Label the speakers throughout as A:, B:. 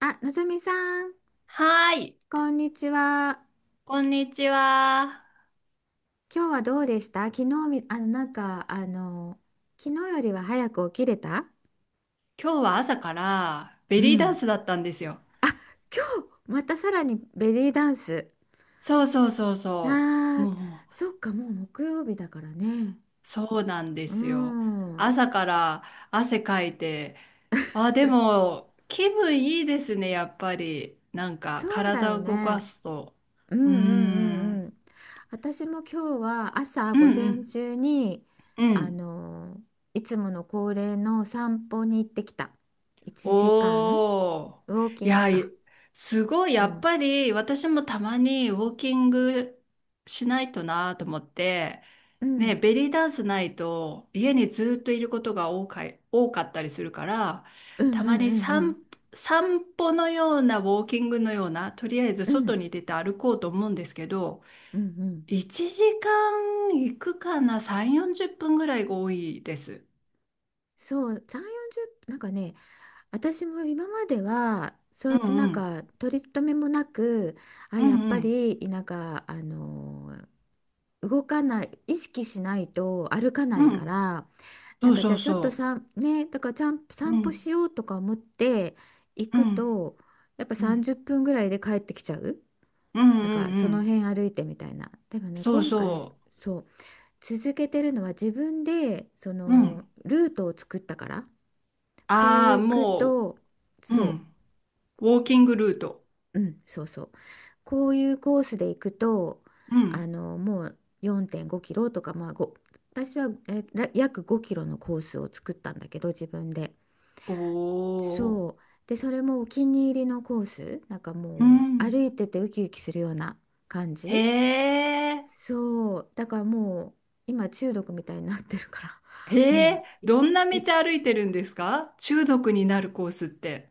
A: あ、のぞみさん、
B: はーい、
A: こんにちは。
B: こんにちは。
A: 今日はどうでした昨日み、昨日よりは早く起きれた、
B: 今日は朝からベ
A: う
B: リーダン
A: ん。
B: スだったんですよ。
A: あ、今日、またさらにベリーダンス。
B: そうそうそう
A: あ
B: そう。
A: ー、
B: もう、
A: そっか、もう木曜日だからね。
B: そうなんで
A: う
B: すよ。
A: ん。
B: 朝から汗かいて、あ、でも気分いいですね、やっぱり。なんか
A: そうだ
B: 体
A: よ
B: を動か
A: ね。
B: すと。
A: うんう
B: うー
A: んうん
B: ん。
A: うん。私も今日は朝
B: う
A: 午
B: んう
A: 前
B: ん。
A: 中に、
B: う
A: あ
B: ん。
A: の、いつもの恒例の散歩に行ってきた。1時間
B: おー。
A: ウォーキ
B: い
A: ング
B: や、
A: か。
B: いすごい、
A: う
B: やっ
A: ん。
B: ぱり私もたまにウォーキングしないとなと思って、
A: う
B: ね、
A: ん、
B: ベリーダンスないと家にずっといることが多かったりするから、
A: うん
B: た
A: う
B: ま
A: ん
B: に
A: うんうん
B: 散、散歩のようなウォーキングのような、とりあえず
A: う
B: 外
A: ん
B: に出て歩こうと思うんですけど、
A: うんうん、
B: 1時間行くかな、3、40分ぐらいが多いです。
A: そう3、40分、なんかね、私も今まではそう
B: う
A: やって
B: ん
A: な
B: う
A: ん
B: ん。
A: か取り留めもなく、あ、
B: う
A: やっ
B: んう
A: ぱ
B: ん。
A: りなんか、動かない、意識しないと歩かな
B: う
A: いか
B: ん。
A: ら、
B: そ
A: なん
B: う
A: かじ
B: そ
A: ゃあ
B: う
A: ちょっ
B: そ
A: とさ
B: う。
A: んねだからちゃん
B: う
A: 散歩
B: ん、
A: しようとか思って行
B: う
A: く
B: ん、
A: と、やっぱ
B: うん、
A: 30分ぐらいで帰ってきちゃう。
B: うん、う
A: なんか
B: ん、う
A: その
B: ん。
A: 辺歩いてみたいな。でもね、
B: そう
A: 今回
B: そ
A: そう続けてるのは自分でそ
B: う。う
A: の
B: ん。
A: ルートを作ったから。こ
B: あ
A: う
B: あ、
A: 行く
B: も
A: と、
B: う、う
A: そ
B: ん。ウォーキングルート。
A: う、うん、そうそう、こういうコースで行くと、
B: う
A: あ
B: ん。
A: のもう4.5キロとかまあ5、私はえら約5キロのコースを作ったんだけど、自分で。
B: お
A: そう
B: ー。
A: で、それもお気に入りのコース。なんか
B: う
A: もう歩
B: ん。
A: いててウキウキするような感
B: へ
A: じ。
B: え。
A: そうだからもう今中毒みたいになってるか
B: へ
A: ら、も
B: え。
A: うい
B: どんな道
A: い。
B: 歩いてるんですか？中毒になるコースって。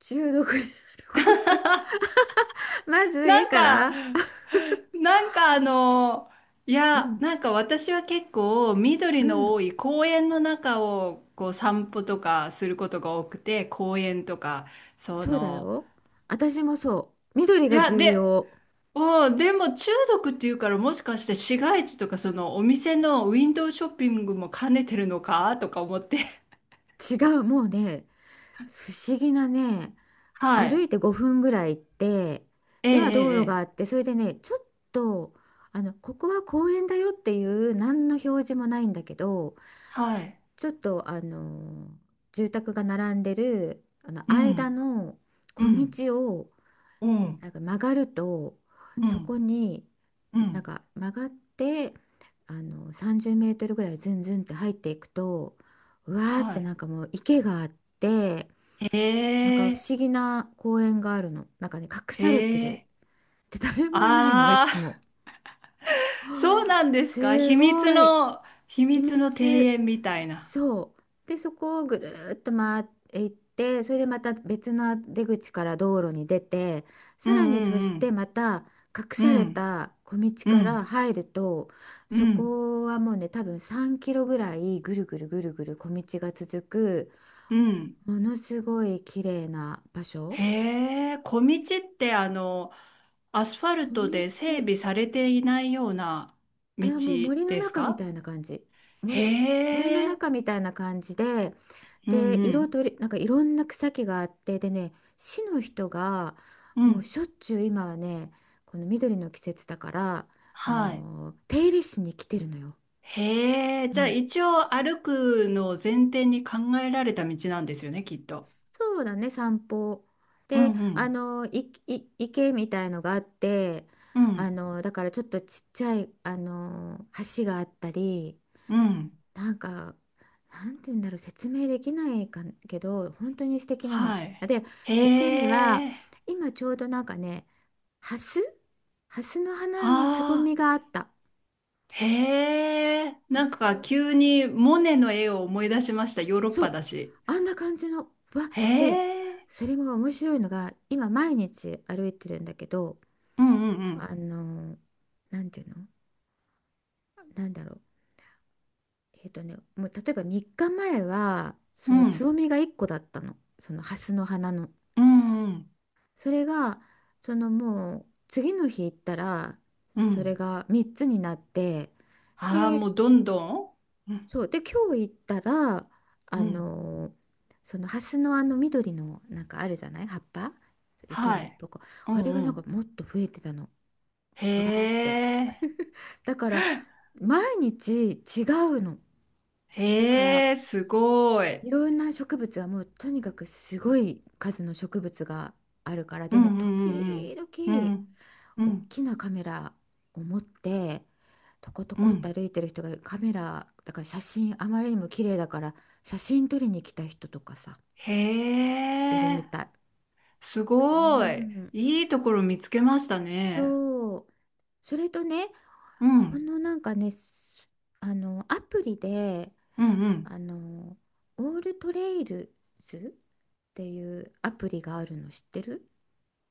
A: 中毒になるコース。まず家
B: なん
A: か
B: か、
A: ら。
B: なんかあの、
A: うん、
B: なんか私は結構緑
A: う
B: の
A: ん、
B: 多い公園の中をこう散歩とかすることが多くて、公園とか、そ
A: そうだ
B: の、
A: よ。私もそう。緑が重
B: で、
A: 要。
B: お、でも中毒っていうからもしかして市街地とかそのお店のウィンドウショッピングも兼ねてるのかとか思って。
A: 違う、もうね、不思議なね、
B: は
A: 歩
B: い。
A: いて5分ぐらい行って、
B: ええ
A: では
B: え
A: 道
B: え。
A: 路があ
B: え
A: っ
B: え
A: て、それでね、ちょっと、ここは公園だよっていう何の表示もないんだけど、
B: はい。
A: ちょっと、住宅が並んでる、
B: う
A: 間
B: ん。
A: の
B: う
A: 小
B: ん。
A: 道を、
B: うん。
A: なんか曲がると、
B: う
A: そこ
B: ん。
A: に、
B: う
A: なん
B: ん。
A: か曲がってあの30メートルぐらいズンズンって入っていくと、うわーっ
B: は
A: て、
B: い。
A: なんかもう池があって、
B: へ
A: なんか不
B: え。
A: 思議な公園があるの。なんかね、隠
B: へ
A: されてる。
B: え。
A: で、誰もいないの、い
B: ああ、
A: つも。
B: そう
A: はあ
B: な んですか。
A: す
B: 秘密
A: ごい。
B: の、秘
A: 秘
B: 密の庭
A: 密、
B: 園みたいな。
A: そう。で、そこをぐるーっと回っていって、それでまた別の出口から道路に出て、
B: う
A: さらにそし
B: んう
A: て
B: ん
A: また隠
B: うん。
A: された小道
B: うん。う
A: から
B: ん。
A: 入ると、
B: う
A: そ
B: ん。
A: こはもうね、多分3キロぐらいぐるぐるぐるぐる小道が続く、
B: うん。
A: ものすごい綺麗な場所。
B: へえ、小道ってあの、アスファル
A: 小
B: トで整
A: 道、
B: 備されていないような
A: あ、い
B: 道
A: やもう森の
B: です
A: 中み
B: か？
A: たいな感じ。森、森の
B: へえ、
A: 中みたいな感じで、
B: うん
A: で
B: う
A: 色
B: ん、
A: とり、なんかいろんな草木があって、でね、市の人が
B: う
A: もう
B: ん、
A: しょっちゅう、今はねこの緑の季節だから、
B: はい。
A: 手入れしに来てるのよ。
B: へえ、
A: う
B: じゃあ
A: ん。
B: 一応歩くのを前提に考えられた道なんですよね、きっと。
A: そうだね、散歩。
B: うん
A: で、
B: うん、
A: いい池みたいのがあって、
B: うん、
A: だからちょっとちっちゃい橋があったり、
B: うん、
A: なんか、なんて言うんだろう、説明できないかんけど本当に素敵なの。
B: はい。
A: で、
B: へ
A: 池には
B: え、
A: 今ちょうどなんかね、ハスハスの花のつぼ
B: あ
A: み
B: あ、
A: があった。
B: へえ、
A: ハ
B: なんか
A: ス、
B: 急にモネの絵を思い出しました、ヨーロッ
A: そ
B: パ
A: う、
B: だし。
A: あんな感じの、わっ
B: へ
A: て、
B: え。
A: それも面白いのが、今毎日歩いてるんだけど、
B: うんうん
A: あの、なんていうの、なんだろう。えっとね、もう例えば3日前は、そ
B: うん。
A: の
B: う
A: つぼ
B: ん。
A: みが1個だったの。そのハスの花の。
B: うん
A: それが、そのもう、次の日行ったら、
B: う
A: それ
B: ん。
A: が3つになって、
B: ああー、
A: で、
B: もうどんどん。うん
A: そうで今日行ったら、
B: う
A: あ
B: ん。
A: のーそのハスのあの緑のなんかあるじゃない葉っぱ、池
B: は
A: に一
B: い。
A: 歩こう、
B: う
A: あれが
B: んう
A: なんか
B: ん。
A: もっと増えてたの、
B: へ
A: ぶわーって。
B: え。
A: だから毎日違うの。だから
B: へえ、すごい。
A: いろんな植物は、もうとにかくすごい数の植物があるから。
B: う
A: で
B: ん
A: ね、
B: うん
A: 時々
B: うんうん。うん。う
A: 大
B: ん。
A: きなカメラを持ってトコト
B: う
A: コって
B: ん。
A: 歩いてる人が、カメラだから写真あまりにも綺麗だから、写真撮りに来た人とかさ、
B: へ
A: いる
B: え。
A: みたい。
B: す
A: う
B: ごい。
A: ん、
B: いいところ見つけましたね。
A: そう。それとね、
B: う
A: こ
B: ん。
A: のなんかねすあのアプリで、
B: うんうん。
A: あの、オールトレイルズっていうアプリがあるの、知ってる？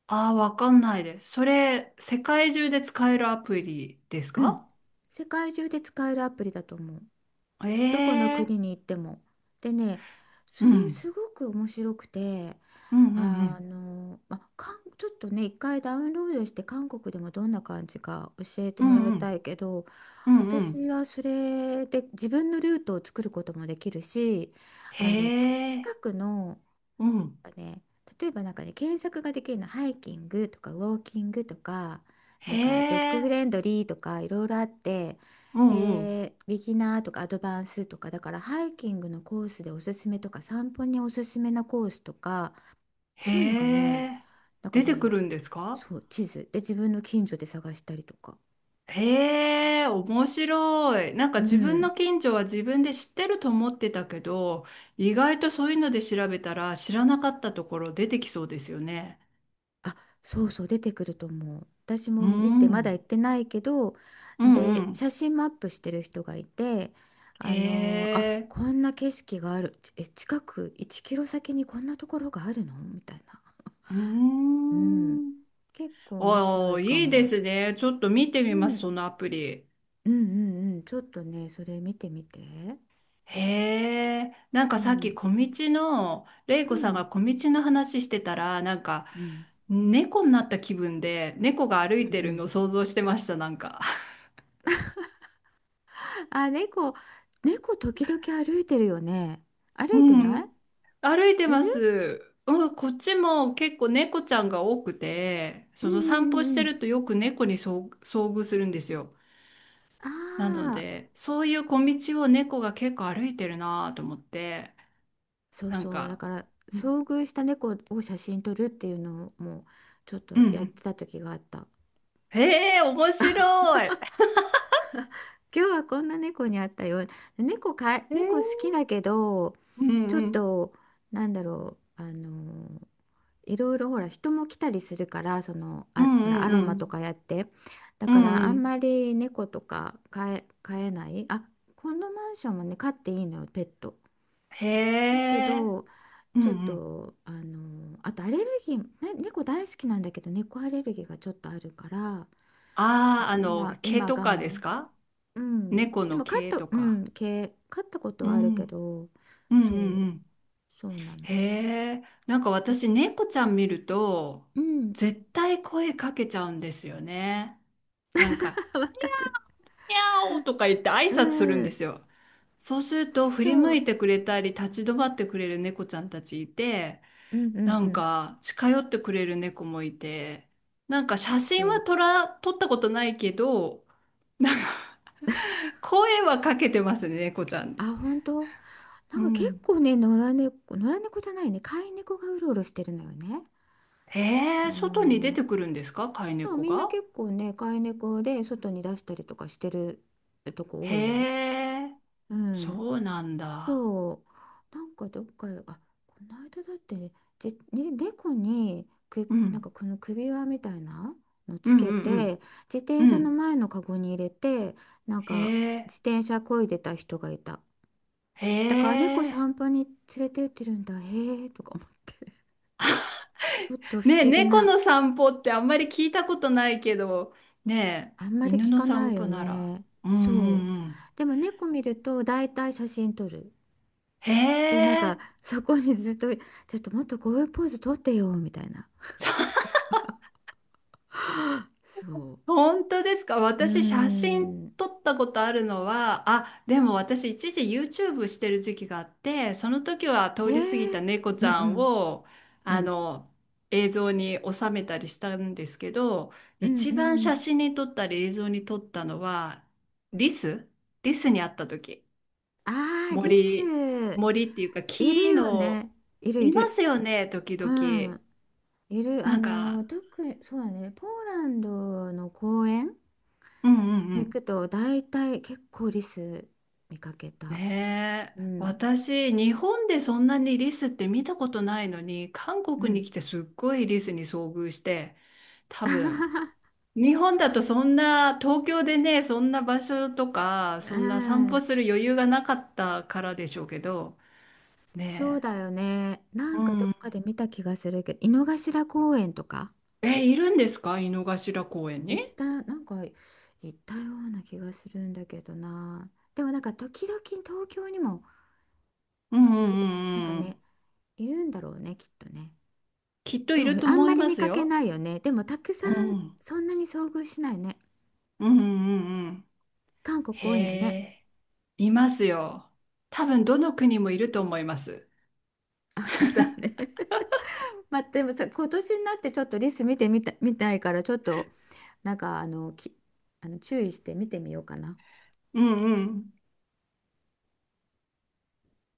B: ああ、わかんないです。それ、世界中で使えるアプリです
A: うん、
B: か？
A: 世界中で使えるアプリだと思う。
B: え
A: どこの
B: え。
A: 国に行っても。でね、
B: う
A: それ
B: ん。
A: すごく面白くて、
B: うんうんうん。
A: まあ、韓ちょっとね、一回ダウンロードして韓国でもどんな感じか教えて
B: う
A: もら
B: ん
A: い
B: う
A: た
B: ん。
A: いけど、
B: うんう
A: 私
B: ん。
A: はそれで自分のルートを作ることもできるし、
B: へ
A: あの、ち近
B: え。
A: くの
B: うん。
A: なんかね、例えばなんかね、検索ができるの、ハイキングとかウォーキングとか、な
B: へ
A: んかドッグフ
B: え。
A: レンドリーとかいろいろあって、
B: うんうん。
A: で、ビギナーとかアドバンスとか、だからハイキングのコースでおすすめとか、散歩におすすめなコースとか、
B: へ
A: そういうのがね、
B: え。
A: なんか
B: 出てく
A: ね、
B: るんですか？
A: そう、地図で自分の近所で探したりとか。
B: へえ、面白い。なんか
A: う
B: 自分の
A: ん。
B: 近所は自分で知ってると思ってたけど、意外とそういうので調べたら知らなかったところ出てきそうですよね。
A: あ、そうそう、出てくると思う。私
B: う
A: も見て、まだ
B: ん。
A: 行ってないけど、
B: うんう
A: で、
B: ん。
A: 写真もアップしてる人がいて、
B: へえ。
A: こんな景色がある。ちえ、近く1キロ先にこんなところがあるのみたいな。
B: うー
A: うん。
B: ん。
A: 結構面白
B: あ
A: い
B: あ、
A: か
B: いいで
A: も。
B: すね。ちょっと見て
A: う
B: みます、
A: ん。
B: そのアプリ。
A: うんうんうん。ちょっとね、それ見てみて。
B: へえ、なん
A: う
B: かさっき
A: ん。
B: 小道の、玲
A: う
B: 子さん
A: ん。
B: が小道の話してたら、なんか
A: うん。
B: 猫になった気分で、猫が歩
A: う
B: い
A: ん
B: て
A: う
B: る
A: ん。
B: のを想像してました、なんか。
A: あ、猫、猫時々歩いてるよね。歩
B: う
A: いてな
B: ん、歩いて
A: い、い
B: ま
A: る、
B: す。うん、こっちも結構猫ちゃんが多くて、
A: うん
B: そ
A: う
B: の散歩し
A: んうんう
B: てる
A: ん。
B: とよく猫に遭遇するんですよ。なの
A: ああ、
B: で、そういう小道を猫が結構歩いてるなと思って、
A: そう
B: なん
A: そう。だ
B: か、
A: から、
B: うん
A: 遭遇した猫を写真撮るっていうのも、ちょっと
B: うんう
A: やっ
B: ん。
A: てた時があった。
B: へえ、面白い。へ
A: 今日はこんな猫に会ったよ。猫かい、猫好
B: え。
A: きだけど、
B: うん
A: ちょっ
B: うん。
A: と、なんだろう、いろいろほら、人も来たりするから、その、
B: う
A: あ、
B: ん
A: ほ
B: う
A: ら、
B: ん
A: アロ
B: う
A: マと
B: ん。
A: かやって。だ
B: う
A: か
B: ん
A: ら、
B: う
A: あん
B: ん。
A: まり猫とか飼えない。あ、このマンションもね、飼っていいのよ、ペット。
B: へ
A: だけ
B: え。
A: ど、
B: うん
A: ちょっ
B: うん。
A: とあのあとアレルギー、ね、猫大好きなんだけど猫アレルギーがちょっとあるから、ちょ
B: あ
A: っ
B: あ、
A: と
B: あの、毛
A: 今我
B: とかです
A: 慢、
B: か？
A: うん、
B: 猫
A: で
B: の
A: も飼っ
B: 毛
A: た
B: と
A: う
B: か。
A: ん毛飼ったこと
B: う
A: はある
B: ん。う
A: け
B: ん
A: ど、
B: う
A: そ
B: ん
A: う、
B: うん。
A: そうなの、
B: へえ。なんか
A: だ、
B: 私、猫ちゃん見ると、
A: うん。
B: 絶対声かけちゃうんですよね。なんか、
A: わかる、
B: にゃおとか言って挨
A: う
B: 拶するんで
A: ん、
B: すよ。そうすると振
A: そ
B: り向
A: う、
B: いてくれたり立ち止まってくれる猫ちゃんたちいて、
A: うんうん
B: な
A: う
B: ん
A: ん、
B: か近寄ってくれる猫もいて、なんか写
A: そ
B: 真は
A: う。
B: 撮ら、撮ったことないけど、なんか声はかけてますね、猫ちゃんに。
A: あ、本当、な
B: う
A: んか結
B: ん。
A: 構ね、野良猫じゃないね、飼い猫がうろうろしてるのよね。
B: へえ、
A: あ
B: 外に出
A: の
B: て
A: ー
B: くるんですか、飼い
A: そう、
B: 猫
A: みんな
B: が。
A: 結構ね、飼い猫で外に出したりとかしてるとこ多
B: へ
A: いよ。
B: え、
A: うん。
B: そうなんだ。
A: そう。なんかどっか、あ、この間だってね、じ、ね、猫にく、
B: う
A: なん
B: ん。
A: かこの首輪みたいなの
B: う
A: つ
B: ん
A: け
B: う
A: て、
B: ん
A: 自
B: うん。
A: 転
B: う
A: 車の
B: ん。
A: 前のカゴに入れて、なん
B: へ
A: か
B: え、
A: 自転車漕いでた人がいた。
B: へ
A: だから猫
B: え。
A: 散歩に連れて行ってるんだ、へえとか思って。ちょっと不
B: ねえ、
A: 思議
B: 猫
A: な。
B: の散歩ってあんまり聞いたことないけど、ね
A: あんま
B: え、
A: り
B: 犬
A: 聞
B: の
A: かな
B: 散
A: いよ
B: 歩なら。
A: ね。
B: うんう
A: そう。
B: んうん。
A: でも猫見ると大体写真撮る。
B: へ
A: で、なん
B: え。
A: かそこにずっと、ちょっともっとこういうポーズ撮ってよ、みたいな。そ
B: 本当ですか？
A: う。うー
B: 私写真
A: ん。ね
B: 撮ったことあるのは、あ、でも私一時 YouTube してる時期があって、その時は通り過ぎ
A: え。
B: た猫
A: う
B: ち
A: ん
B: ゃ
A: う
B: ん
A: ん
B: を
A: う
B: あ
A: ん。
B: の映像に収めたりしたんですけど、
A: うんう
B: 一番写
A: ん。
B: 真に撮ったり映像に撮ったのはリス、リスに会った時、
A: ああ、リス。
B: 森森っていうか
A: いる
B: 木
A: よ
B: の、
A: ね。いるい
B: いま
A: る。
B: すよね時
A: う
B: 々、
A: ん。いる。
B: なんか、
A: 特に、そうだね。ポーランドの公園
B: うんうんう
A: に行く
B: ん。
A: と大体結構リス見かけた。
B: ねえ、
A: うん。
B: 私、日本でそんなにリスって見たことないのに、韓
A: う
B: 国に
A: ん。
B: 来てすっごいリスに遭遇して、多分、日本だとそんな、東京でね、そんな場所とか、
A: う
B: そんな散歩
A: ん、
B: する余裕がなかったからでしょうけど、
A: そう
B: ね
A: だよね。な
B: え、う
A: んかど
B: ん。
A: っかで見た気がするけど、井の頭公園とか
B: え、いるんですか井の頭公園
A: 行っ
B: に？
A: た、なんか行ったような気がするんだけどな。でもなんか時々東京にも
B: うんうん
A: い
B: う
A: る、なんか
B: んうん。
A: ね、いるんだろうね、きっとね。
B: きっと
A: で
B: い
A: も
B: ると
A: あん
B: 思
A: ま
B: い
A: り
B: ま
A: 見
B: す
A: かけ
B: よ。
A: ないよね。でもたくさ
B: う
A: ん
B: ん。
A: そんなに遭遇しないね。
B: うんうんうんうん。
A: 韓国
B: へ
A: 多いんだね。
B: え。いますよ。多分どの国もいると思います。
A: あ、そうだね。まあ、でもさ、今年になってちょっとリス見てみた、見たいから、ちょっとなんかあのき、注意して見てみようかな。
B: うんうん。